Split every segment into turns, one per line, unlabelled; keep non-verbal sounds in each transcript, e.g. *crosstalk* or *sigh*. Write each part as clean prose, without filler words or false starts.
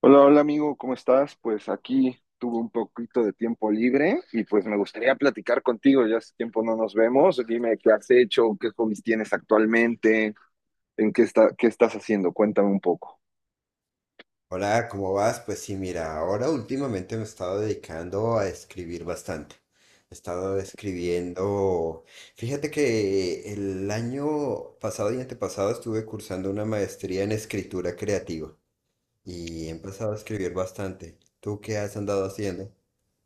Hola, hola amigo, ¿cómo estás? Pues aquí tuve un poquito de tiempo libre y pues me gustaría platicar contigo, ya hace tiempo no nos vemos, dime qué has hecho, qué hobbies tienes actualmente, qué estás haciendo, cuéntame un poco.
Hola, ¿cómo vas? Pues sí, mira, ahora últimamente me he estado dedicando a escribir bastante. He estado escribiendo. Fíjate que el año pasado y antepasado estuve cursando una maestría en escritura creativa y he empezado a escribir bastante. ¿Tú qué has andado haciendo?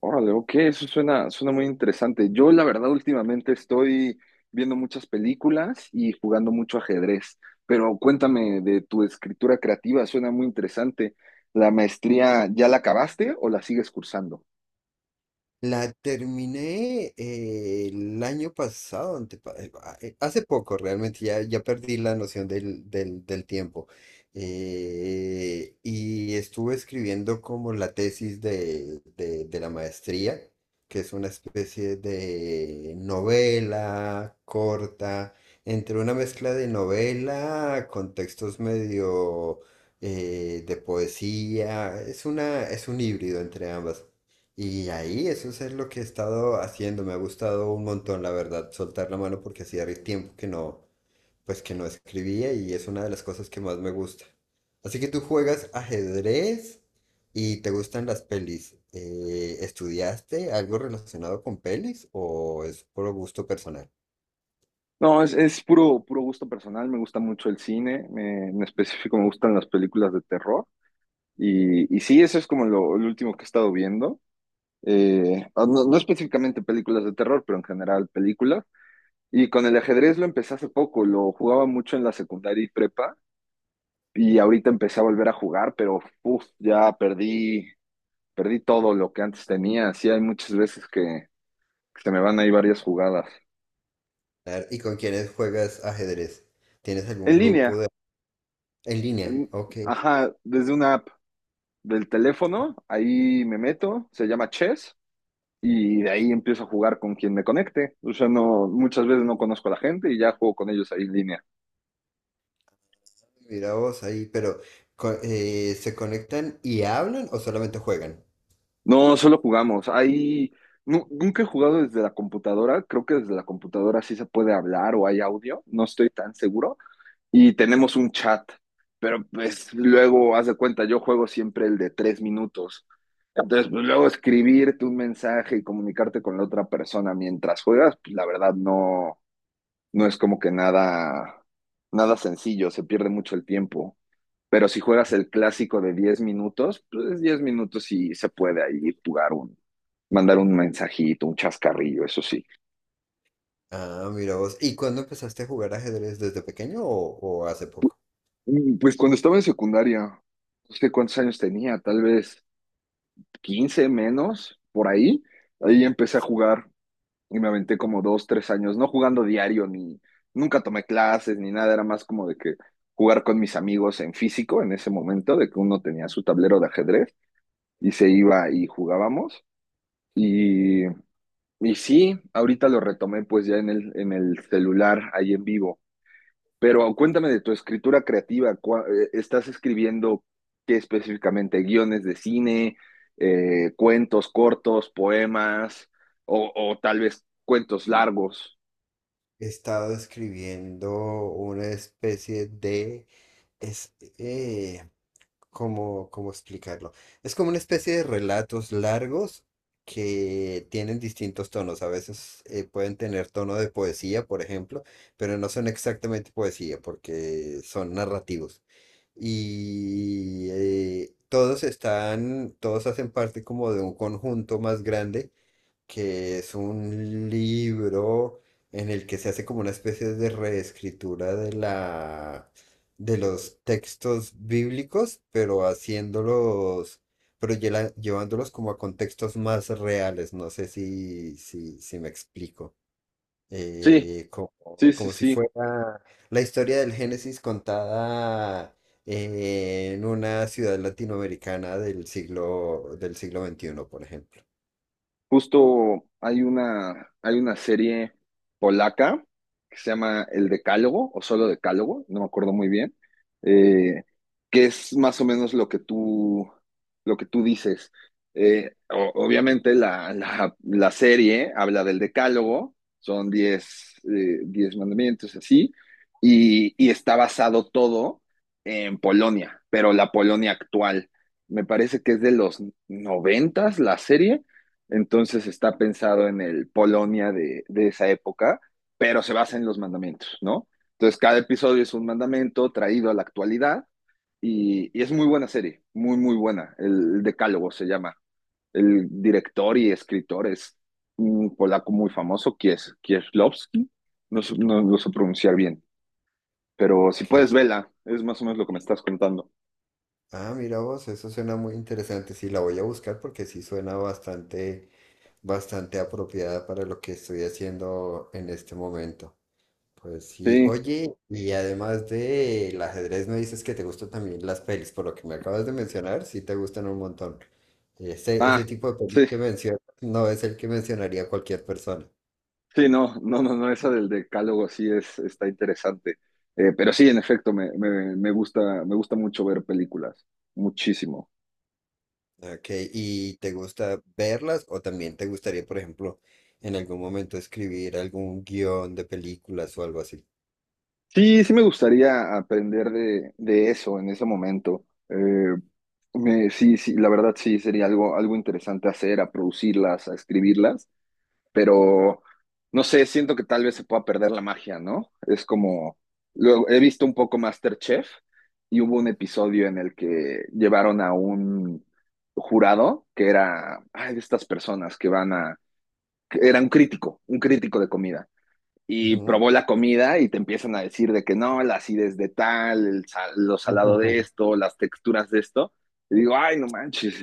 Órale, ok, eso suena, suena muy interesante. Yo la verdad últimamente estoy viendo muchas películas y jugando mucho ajedrez, pero cuéntame de tu escritura creativa, suena muy interesante. ¿La maestría ya la acabaste o la sigues cursando?
La terminé el año pasado, hace poco realmente, ya, ya perdí la noción del tiempo. Y estuve escribiendo como la tesis de la maestría, que es una especie de novela corta, entre una mezcla de novela con textos medio de poesía. Es un híbrido entre ambas. Y ahí, eso es lo que he estado haciendo, me ha gustado un montón, la verdad, soltar la mano porque tiempo que no, pues que no escribía y es una de las cosas que más me gusta. Así que tú juegas ajedrez y te gustan las pelis. ¿estudiaste algo relacionado con pelis o es por gusto personal?
No, es puro, puro gusto personal, me gusta mucho el cine, en específico me gustan las películas de terror y sí, eso es como lo último que he estado viendo. No, no específicamente películas de terror, pero en general películas. Y con el ajedrez lo empecé hace poco, lo jugaba mucho en la secundaria y prepa y ahorita empecé a volver a jugar, pero uf, ya perdí, perdí todo lo que antes tenía, sí hay muchas veces que se me van ahí varias jugadas.
A ver, ¿y con quiénes juegas ajedrez? ¿Tienes algún
En
grupo
línea,
de... en línea?
en-
Ok,
ajá, desde una app del teléfono, ahí me meto, se llama Chess, y de ahí empiezo a jugar con quien me conecte. O sea, no, muchas veces no conozco a la gente y ya juego con ellos ahí en línea.
mira vos ahí, pero ¿se conectan y hablan o solamente juegan?
No, solo jugamos. Ahí nunca he jugado desde la computadora. Creo que desde la computadora sí se puede hablar o hay audio, no estoy tan seguro. Y tenemos un chat, pero pues luego, haz de cuenta, yo juego siempre el de tres minutos. Entonces, pues, luego escribirte un mensaje y comunicarte con la otra persona mientras juegas, pues la verdad no es como que nada, nada sencillo, se pierde mucho el tiempo. Pero si juegas el clásico de 10 minutos, pues 10 minutos y se puede ahí mandar un mensajito, un chascarrillo, eso sí.
Ah, mira vos. ¿Y cuándo empezaste a jugar ajedrez? ¿Desde pequeño o hace poco?
Pues cuando estaba en secundaria, no sé cuántos años tenía, tal vez 15 menos, por ahí, ahí empecé a jugar y me aventé como dos, tres años, no jugando diario, ni nunca tomé clases, ni nada, era más como de que jugar con mis amigos en físico en ese momento, de que uno tenía su tablero de ajedrez y se iba y jugábamos. Y, y sí, ahorita lo retomé pues ya en el celular, ahí en vivo. Pero cuéntame de tu escritura creativa. ¿Estás escribiendo qué específicamente? ¿Guiones de cine, cuentos cortos, poemas o tal vez cuentos largos?
He estado escribiendo una especie de... Es, eh, ¿cómo, cómo explicarlo? Es como una especie de relatos largos que tienen distintos tonos. A veces pueden tener tono de poesía, por ejemplo, pero no son exactamente poesía porque son narrativos. Y todos hacen parte como de un conjunto más grande que es un libro en el que se hace como una especie de reescritura de la de los textos bíblicos, pero haciéndolos, pero llevándolos como a contextos más reales. No sé si me explico.
Sí,
Como,
sí, sí,
como si
sí.
fuera la historia del Génesis contada en una ciudad latinoamericana del siglo XXI por ejemplo.
Justo hay una serie polaca que se llama El Decálogo o solo Decálogo, no me acuerdo muy bien, eh, que es más o menos lo que tú dices. Obviamente la serie habla del Decálogo, son 10 10 mandamientos así, y está basado todo en Polonia, pero la Polonia actual. Me parece que es de los noventas la serie, entonces está pensado en el Polonia de esa época, pero se basa en los mandamientos, ¿no? Entonces cada episodio es un mandamento traído a la actualidad y es muy buena serie, muy, muy buena. Decálogo se llama. El director y escritor es un polaco muy famoso, Kieślowski. No lo sé pronunciar bien, pero si
Ok.
puedes, vela. Es más o menos lo que me estás contando.
Ah, mira vos, eso suena muy interesante. Sí, la voy a buscar porque sí suena bastante, bastante apropiada para lo que estoy haciendo en este momento. Pues sí,
Sí.
oye, y además del ajedrez, me dices que te gustan también las pelis, por lo que me acabas de mencionar, sí te gustan un montón. Ese
Ah,
tipo de pelis
sí.
que mencionas no es el que mencionaría cualquier persona.
Sí, no, no, no, no, esa del decálogo sí es, está interesante. Pero sí, en efecto, me gusta, me gusta mucho ver películas, muchísimo.
Ok, ¿y te gusta verlas o también te gustaría, por ejemplo, en algún momento escribir algún guión de películas o algo así?
Sí, sí me gustaría aprender de eso en ese momento. Sí, sí, la verdad sí, sería algo, algo interesante hacer, a producirlas, a escribirlas. Pero no sé, siento que tal vez se pueda perder la magia, ¿no? Es como, luego he visto un poco MasterChef y hubo un episodio en el que llevaron a un jurado que era, ay, de estas personas que van a, que era un crítico de comida. Y
Ujú.
probó la comida y te empiezan a decir de que no, la acidez de tal, lo salado de
Ujú. *laughs*
esto, las texturas de esto. Y digo, ay, no manches,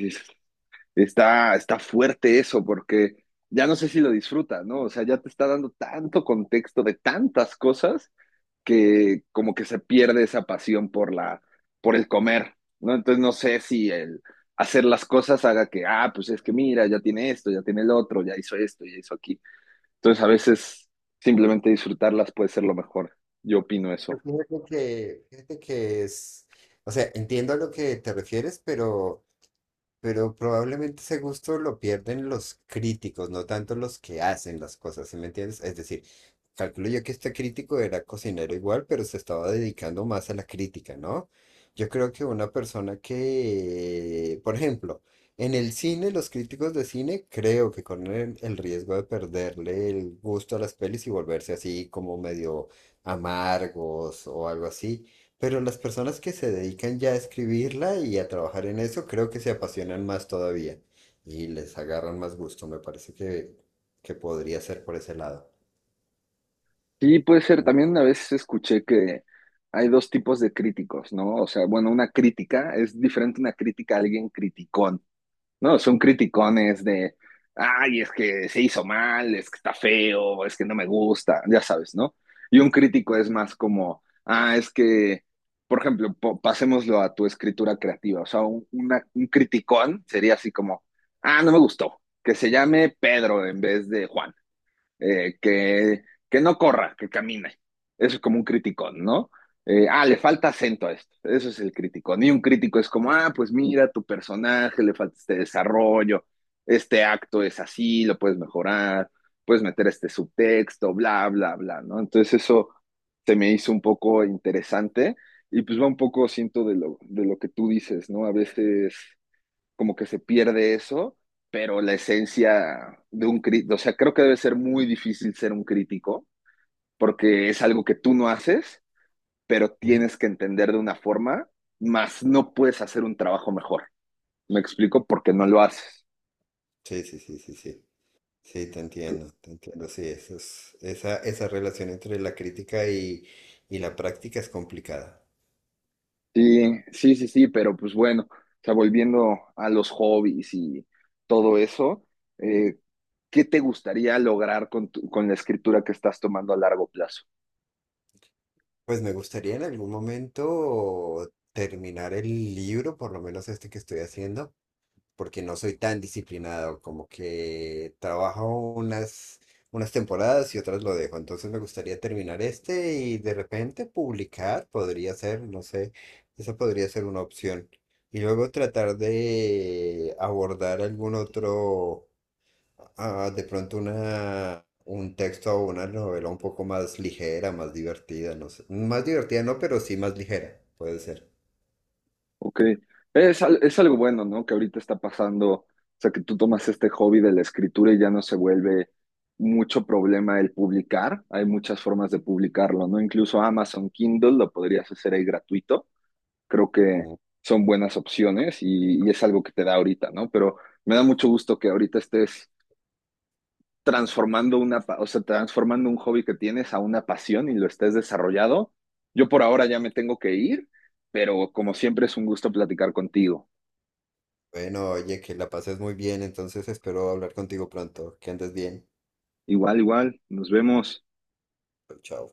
está, está fuerte eso porque ya no sé si lo disfruta, ¿no? O sea, ya te está dando tanto contexto de tantas cosas que como que se pierde esa pasión por la, por el comer, ¿no? Entonces no sé si el hacer las cosas haga que, ah, pues es que mira, ya tiene esto, ya tiene el otro, ya hizo esto, ya hizo aquí. Entonces a veces simplemente disfrutarlas puede ser lo mejor. Yo opino
Yo
eso.
fíjate que es, o sea, entiendo a lo que te refieres, pero probablemente ese gusto lo pierden los críticos, no tanto los que hacen las cosas, ¿sí me entiendes? Es decir, calculo yo que este crítico era cocinero igual, pero se estaba dedicando más a la crítica, ¿no? Yo creo que una persona que, por ejemplo, en el cine, los críticos de cine creo que corren el riesgo de perderle el gusto a las pelis y volverse así como medio amargos o algo así. Pero las personas que se dedican ya a escribirla y a trabajar en eso, creo que se apasionan más todavía y les agarran más gusto. Me parece que podría ser por ese lado.
Sí, puede ser. También una vez escuché que hay dos tipos de críticos, ¿no? O sea, bueno, una crítica es diferente a una crítica a alguien criticón, ¿no? Son criticones de, ay, es que se hizo mal, es que está feo, es que no me gusta, ya sabes, ¿no? Y un crítico es más como, ah, es que, por ejemplo, pasémoslo a tu escritura creativa. O sea, un criticón sería así como, ah, no me gustó, que se llame Pedro en vez de Juan, eh, que, que no corra, que camine. Eso es como un criticón, ¿no? Le falta acento a esto. Eso es el criticón. Y un crítico es como, ah, pues mira, tu personaje, le falta este desarrollo, este acto es así, lo puedes mejorar, puedes meter este subtexto, bla, bla, bla, ¿no? Entonces eso se me hizo un poco interesante y pues va un poco, siento, de lo que tú dices, ¿no? A veces como que se pierde eso, pero la esencia de un crítico, o sea, creo que debe ser muy difícil ser un crítico, porque es algo que tú no haces, pero
Ujú.
tienes que entender de una forma, más no puedes hacer un trabajo mejor. Me explico porque no lo haces.
Sí, sí, sí, sí, sí. Sí, te entiendo, te entiendo. Sí, eso es, esa relación entre la crítica y la práctica es complicada.
Sí, sí, sí, sí, pero pues bueno, o sea, volviendo a los hobbies y todo eso, eh, ¿qué te gustaría lograr con, con la escritura que estás tomando a largo plazo?
Pues me gustaría en algún momento terminar el libro, por lo menos este que estoy haciendo porque no soy tan disciplinado, como que trabajo unas, unas temporadas y otras lo dejo. Entonces me gustaría terminar este y de repente publicar, podría ser, no sé, esa podría ser una opción. Y luego tratar de abordar algún otro, ah, de pronto una, un texto o una novela un poco más ligera, más divertida, no sé. Más divertida no, pero sí más ligera, puede ser.
Ok. Es, es algo bueno, ¿no? Que ahorita está pasando, o sea, que tú tomas este hobby de la escritura y ya no se vuelve mucho problema el publicar. Hay muchas formas de publicarlo, ¿no? Incluso Amazon Kindle lo podrías hacer ahí gratuito. Creo que son buenas opciones y es algo que te da ahorita, ¿no? Pero me da mucho gusto que ahorita estés transformando una, o sea, transformando un hobby que tienes a una pasión y lo estés desarrollado. Yo por ahora ya me tengo que ir, pero como siempre es un gusto platicar contigo.
Bueno, oye, que la pases muy bien, entonces espero hablar contigo pronto. Que andes bien.
Igual, igual, nos vemos.
Chao.